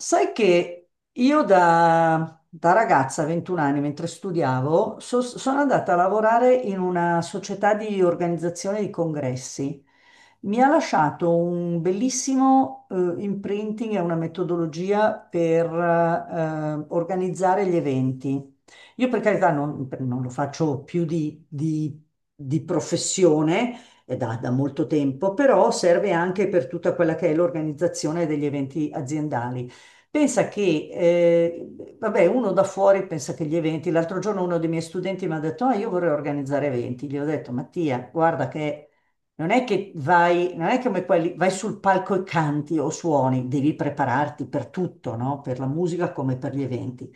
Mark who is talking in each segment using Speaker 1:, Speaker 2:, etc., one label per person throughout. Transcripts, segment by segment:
Speaker 1: Sai che io da ragazza, 21 anni, mentre studiavo, sono andata a lavorare in una società di organizzazione di congressi. Mi ha lasciato un bellissimo imprinting e una metodologia per organizzare gli eventi. Io per carità non lo faccio più di professione, è da molto tempo, però serve anche per tutta quella che è l'organizzazione degli eventi aziendali. Pensa che, vabbè, uno da fuori pensa che gli eventi, l'altro giorno uno dei miei studenti mi ha detto, ah, io vorrei organizzare eventi. Gli ho detto, Mattia, guarda che non è che vai, non è come quelli, vai sul palco e canti o suoni, devi prepararti per tutto, no? Per la musica come per gli eventi.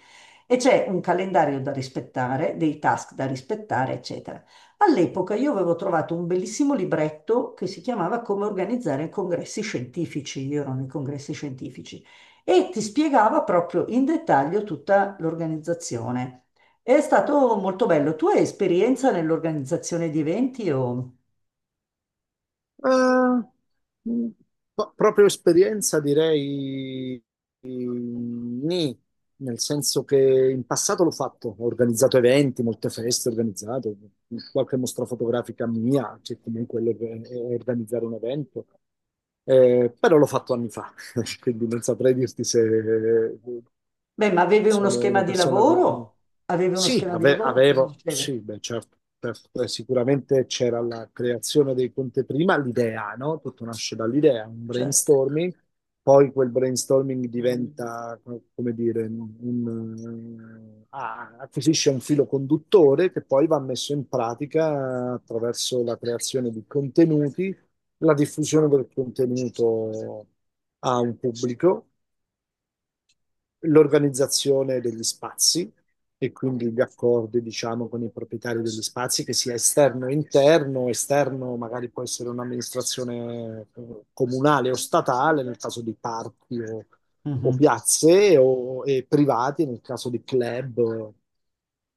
Speaker 1: E c'è un calendario da rispettare, dei task da rispettare, eccetera. All'epoca io avevo trovato un bellissimo libretto che si chiamava Come organizzare congressi scientifici. Io ero nei congressi scientifici e ti spiegava proprio in dettaglio tutta l'organizzazione. È stato molto bello. Tu hai esperienza nell'organizzazione di eventi o...
Speaker 2: Eh, mh, no, proprio esperienza direi nì, nel senso che in passato l'ho fatto, ho organizzato eventi, molte feste, ho organizzato qualche mostra fotografica mia, che comunque è organizzare un evento. Però l'ho fatto anni fa, quindi non saprei dirti se
Speaker 1: Beh, ma avevi uno
Speaker 2: sono
Speaker 1: schema
Speaker 2: una
Speaker 1: di
Speaker 2: persona...
Speaker 1: lavoro? Avevi uno
Speaker 2: Sì,
Speaker 1: schema di lavoro? Cosa
Speaker 2: avevo, sì,
Speaker 1: succede?
Speaker 2: beh, certo, certo. Sicuramente c'era la creazione dei conti prima, l'idea, no? Tutto nasce dall'idea, un
Speaker 1: Certo.
Speaker 2: brainstorming, poi quel brainstorming diventa, come dire, un, acquisisce un filo conduttore che poi va messo in pratica attraverso la creazione di contenuti, la diffusione del contenuto a un pubblico, l'organizzazione degli spazi e quindi gli accordi, diciamo, con i proprietari degli spazi, che sia esterno e interno. Esterno magari può essere un'amministrazione comunale o statale, nel caso di parchi o
Speaker 1: Mhm.
Speaker 2: piazze, o e privati, nel caso di club,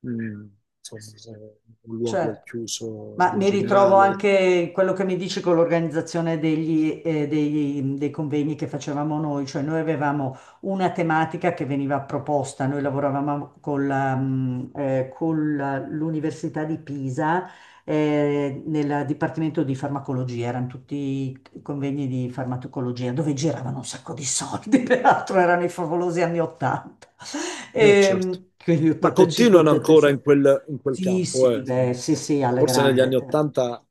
Speaker 2: eh, mm, insomma, luoghi al
Speaker 1: Certo.
Speaker 2: chiuso
Speaker 1: Ma
Speaker 2: in
Speaker 1: mi ritrovo
Speaker 2: generale.
Speaker 1: anche in quello che mi dici con l'organizzazione dei convegni che facevamo noi, cioè noi avevamo una tematica che veniva proposta, noi lavoravamo con l'Università di Pisa, nel Dipartimento di Farmacologia, erano tutti convegni di farmacologia dove giravano un sacco di soldi, peraltro erano i favolosi anni 80.
Speaker 2: Certo.
Speaker 1: Quindi
Speaker 2: Ma continuano ancora in
Speaker 1: 85-86.
Speaker 2: quel
Speaker 1: Sì,
Speaker 2: campo,
Speaker 1: sì,
Speaker 2: eh.
Speaker 1: beh, sì, sì, alla
Speaker 2: Forse negli
Speaker 1: grande.
Speaker 2: anni Ottanta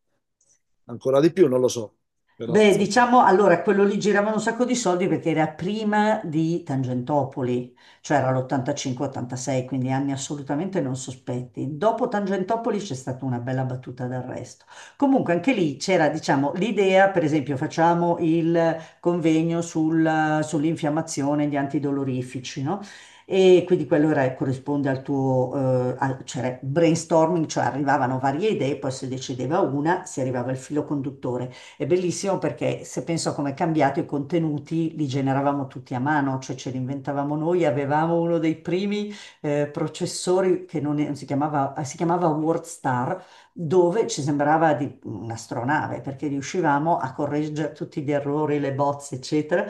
Speaker 2: ancora di più, non lo so, però
Speaker 1: Beh,
Speaker 2: insomma.
Speaker 1: diciamo allora quello lì giravano un sacco di soldi perché era prima di Tangentopoli, cioè era l'85-86, quindi anni assolutamente non sospetti. Dopo Tangentopoli c'è stata una bella battuta d'arresto. Comunque anche lì c'era, diciamo, l'idea, per esempio, facciamo il convegno sull'infiammazione, gli antidolorifici, no? E quindi quello corrisponde al tuo cioè brainstorming, cioè arrivavano varie idee, poi si decideva una, si arrivava al filo conduttore. È bellissimo perché se penso a come è cambiato i contenuti li generavamo tutti a mano, cioè ce li inventavamo noi, avevamo uno dei primi processori che non, è- non si chiamava, si chiamava WordStar, dove ci sembrava di un'astronave perché riuscivamo a correggere tutti gli errori, le bozze, eccetera,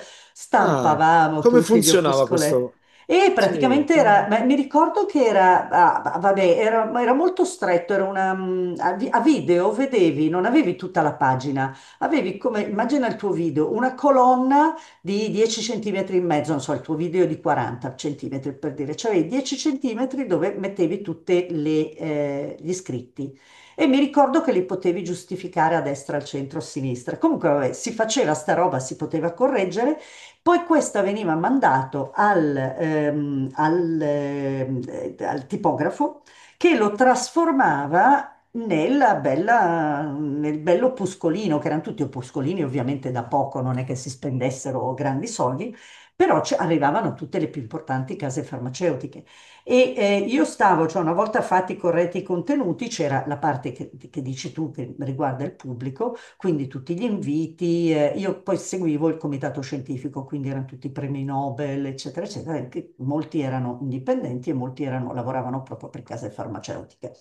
Speaker 2: Ah,
Speaker 1: stampavamo
Speaker 2: come
Speaker 1: tutti gli
Speaker 2: funzionava
Speaker 1: opuscoletti.
Speaker 2: questo?
Speaker 1: E
Speaker 2: Sì,
Speaker 1: praticamente era, ma mi ricordo che era, vabbè, era molto stretto, era una, mm, a vi- a video, vedevi, non avevi tutta la pagina, avevi come, immagina il tuo video, una colonna di 10 centimetri e mezzo, non so, il tuo video è di 40 centimetri per dire, cioè avevi 10 centimetri dove mettevi tutti gli iscritti. E mi ricordo che li potevi giustificare a destra, al centro, a sinistra. Comunque, vabbè, si faceva sta roba, si poteva correggere. Poi questa veniva mandato al tipografo che lo trasformava nel bello opuscolino, che erano tutti opuscolini ovviamente da poco, non è che si spendessero grandi soldi, però ci arrivavano tutte le più importanti case farmaceutiche. E io stavo, cioè una volta fatti corretti i contenuti, c'era la parte che dici tu che riguarda il pubblico, quindi tutti gli inviti, io poi seguivo il comitato scientifico, quindi erano tutti premi Nobel, eccetera, eccetera, che molti erano indipendenti e lavoravano proprio per case farmaceutiche.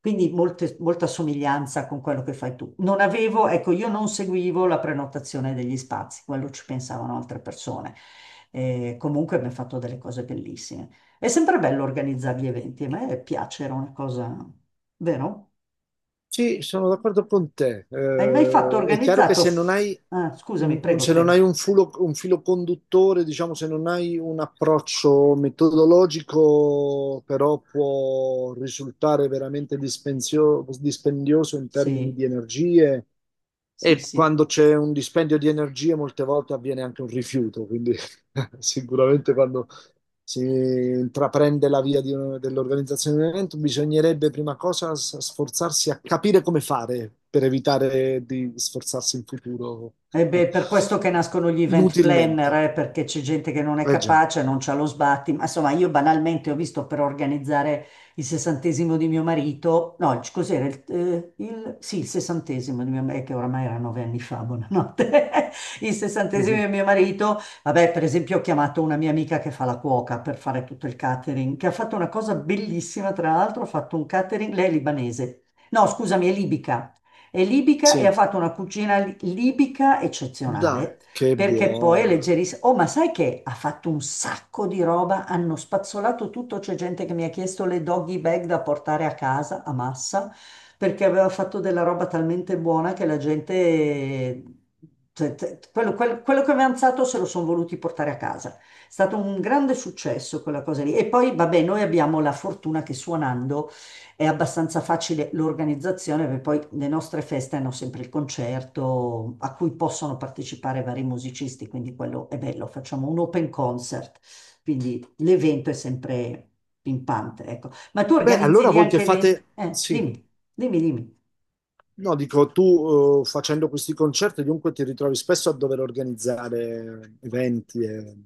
Speaker 1: Quindi molta somiglianza con quello che fai tu. Non avevo, ecco, io non seguivo la prenotazione degli spazi, quello ci pensavano altre persone. Comunque abbiamo fatto delle cose bellissime. È sempre bello organizzare gli eventi, a me piace, era una cosa, vero?
Speaker 2: sì, sono d'accordo con te.
Speaker 1: Hai mai fatto
Speaker 2: È chiaro che
Speaker 1: organizzato?
Speaker 2: se non hai
Speaker 1: Ah, scusami, prego,
Speaker 2: se non hai
Speaker 1: prego.
Speaker 2: un un filo conduttore, diciamo, se non hai un approccio metodologico, però può risultare veramente dispendioso in termini
Speaker 1: Sì,
Speaker 2: di energie.
Speaker 1: sì,
Speaker 2: E
Speaker 1: sì.
Speaker 2: quando c'è un dispendio di energie, molte volte avviene anche un rifiuto, quindi sicuramente quando si intraprende la via di dell'organizzazione di un evento, bisognerebbe prima cosa sforzarsi a capire come fare per evitare di sforzarsi in futuro
Speaker 1: E beh, per questo che nascono gli event planner,
Speaker 2: inutilmente.
Speaker 1: perché c'è gente che non è
Speaker 2: Eh già.
Speaker 1: capace, non c'ha lo sbatti. Ma insomma, io banalmente ho visto per organizzare il 60° di mio marito, no, cos'era? Sì, il 60° di mio marito, che oramai era 9 anni fa, buonanotte. Il 60°
Speaker 2: Mhm.
Speaker 1: di mio marito, vabbè, per esempio, ho chiamato una mia amica che fa la cuoca per fare tutto il catering, che ha fatto una cosa bellissima, tra l'altro, ha fatto un catering, lei è libanese. No, scusami, è libica. È libica e ha
Speaker 2: Sì,
Speaker 1: fatto una cucina libica
Speaker 2: da,
Speaker 1: eccezionale,
Speaker 2: che
Speaker 1: perché poi è
Speaker 2: buona.
Speaker 1: leggerissima. Oh, ma sai che ha fatto un sacco di roba, hanno spazzolato tutto, c'è gente che mi ha chiesto le doggy bag da portare a casa a massa, perché aveva fatto della roba talmente buona che la gente, cioè, quello che aveva alzato se lo sono voluti portare a casa. È stato un grande successo quella cosa lì. E poi, vabbè, noi abbiamo la fortuna che suonando è abbastanza facile l'organizzazione, perché poi le nostre feste hanno sempre il concerto a cui possono partecipare vari musicisti, quindi quello è bello, facciamo un open concert, quindi l'evento è sempre pimpante, ecco. Ma tu
Speaker 2: Beh,
Speaker 1: organizzi
Speaker 2: allora
Speaker 1: lì
Speaker 2: voi che
Speaker 1: anche
Speaker 2: fate?
Speaker 1: eventi?
Speaker 2: Sì.
Speaker 1: Dimmi, dimmi, dimmi.
Speaker 2: No, dico, tu facendo questi concerti dunque ti ritrovi spesso a dover organizzare eventi e...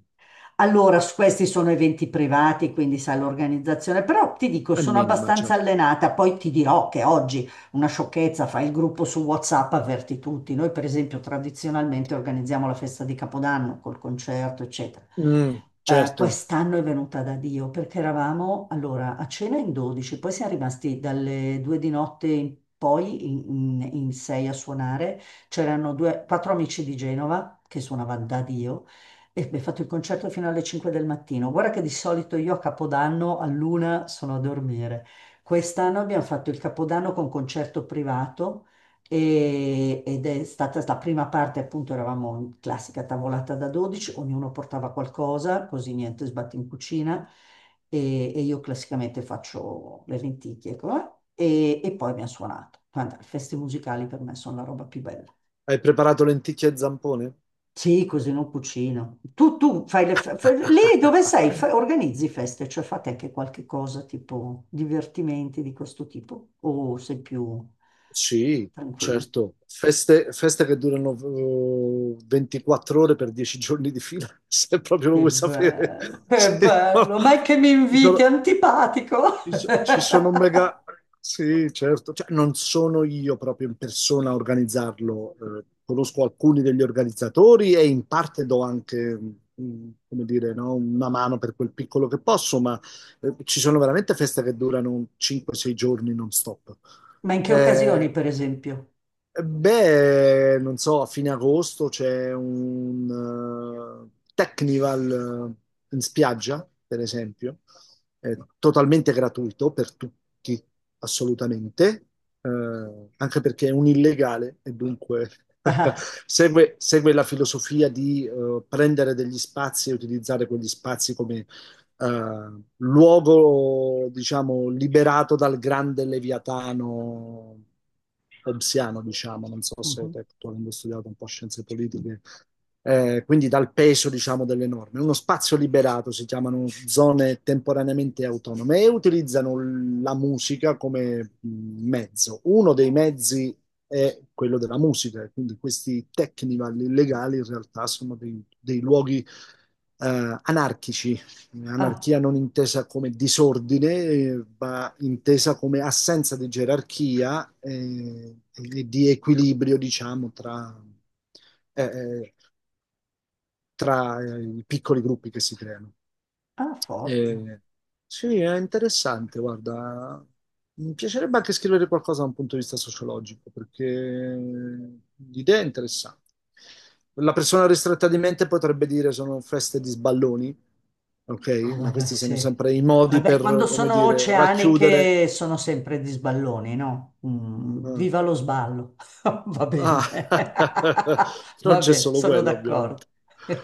Speaker 1: Allora, questi sono eventi privati, quindi sai l'organizzazione, però ti dico,
Speaker 2: al
Speaker 1: sono
Speaker 2: minima,
Speaker 1: abbastanza
Speaker 2: certo.
Speaker 1: allenata, poi ti dirò che oggi una sciocchezza, fai il gruppo su WhatsApp, avverti tutti. Noi, per esempio, tradizionalmente organizziamo la festa di Capodanno col concerto, eccetera.
Speaker 2: Mm, certo.
Speaker 1: Quest'anno è venuta da Dio perché eravamo allora a cena in 12, poi siamo rimasti dalle 2 di notte in poi in sei a suonare. C'erano due, quattro amici di Genova che suonavano da Dio e abbiamo fatto il concerto fino alle 5 del mattino. Guarda che di solito io a Capodanno all'una sono a dormire. Quest'anno abbiamo fatto il Capodanno con concerto privato ed è stata la prima parte, appunto, eravamo in classica tavolata da 12, ognuno portava qualcosa, così niente sbatti in cucina e io classicamente faccio le lenticchie, ecco, e poi abbiamo suonato. Guarda, le feste musicali per me sono la roba più bella.
Speaker 2: Hai preparato lenticchie e zampone?
Speaker 1: Sì, così non cucino. Tu fai lì dove sei, organizzi feste, cioè fate anche qualche cosa tipo divertimenti di questo tipo o sei più
Speaker 2: Sì,
Speaker 1: tranquillo?
Speaker 2: certo. Feste, feste che durano 24 ore per 10 giorni di fila, se proprio lo vuoi sapere.
Speaker 1: Che
Speaker 2: Sì, no.
Speaker 1: bello, ma è che mi
Speaker 2: Ci
Speaker 1: inviti, è
Speaker 2: sono-
Speaker 1: antipatico.
Speaker 2: Ci sono mega... Sì, certo. Cioè, non sono io proprio in persona a organizzarlo, conosco alcuni degli organizzatori e in parte do anche, come dire, no, una mano per quel piccolo che posso, ma ci sono veramente feste che durano 5-6 giorni non stop.
Speaker 1: Ma in che occasioni,
Speaker 2: Eh,
Speaker 1: per esempio?
Speaker 2: Beh, non so, a fine agosto c'è un Technival in spiaggia, per esempio, è totalmente gratuito per tutti, assolutamente, anche perché è un illegale e dunque
Speaker 1: Ah,
Speaker 2: segue la filosofia di prendere degli spazi e utilizzare quegli spazi come luogo, diciamo, liberato dal grande leviatano hobbesiano, diciamo, non so se
Speaker 1: mhm.
Speaker 2: te, tu avendo studiato un po' scienze politiche, quindi dal peso, diciamo, delle norme. Uno spazio liberato si chiamano zone temporaneamente autonome e utilizzano la musica come mezzo. Uno dei mezzi è quello della musica, quindi questi technival illegali in realtà sono dei luoghi anarchici.
Speaker 1: Ah,
Speaker 2: Anarchia non intesa come disordine, ma intesa come assenza di gerarchia e di equilibrio, diciamo, tra, eh, eh, i piccoli gruppi che si creano.
Speaker 1: ah, forte.
Speaker 2: Eh, sì, è interessante, guarda. Mi piacerebbe anche scrivere qualcosa da un punto di vista sociologico, perché l'idea è interessante. La persona ristretta di mente potrebbe dire sono feste di sballoni, ok?
Speaker 1: Ah,
Speaker 2: Ma
Speaker 1: vabbè,
Speaker 2: questi sono
Speaker 1: sì.
Speaker 2: sempre i modi
Speaker 1: Vabbè, quando
Speaker 2: per, come
Speaker 1: sono
Speaker 2: dire, racchiudere.
Speaker 1: oceaniche sono sempre di sballoni, no?
Speaker 2: Ah,
Speaker 1: Viva lo sballo. Va
Speaker 2: ah,
Speaker 1: bene.
Speaker 2: non
Speaker 1: Va
Speaker 2: c'è
Speaker 1: bene,
Speaker 2: solo
Speaker 1: sono
Speaker 2: quello, ovviamente.
Speaker 1: d'accordo.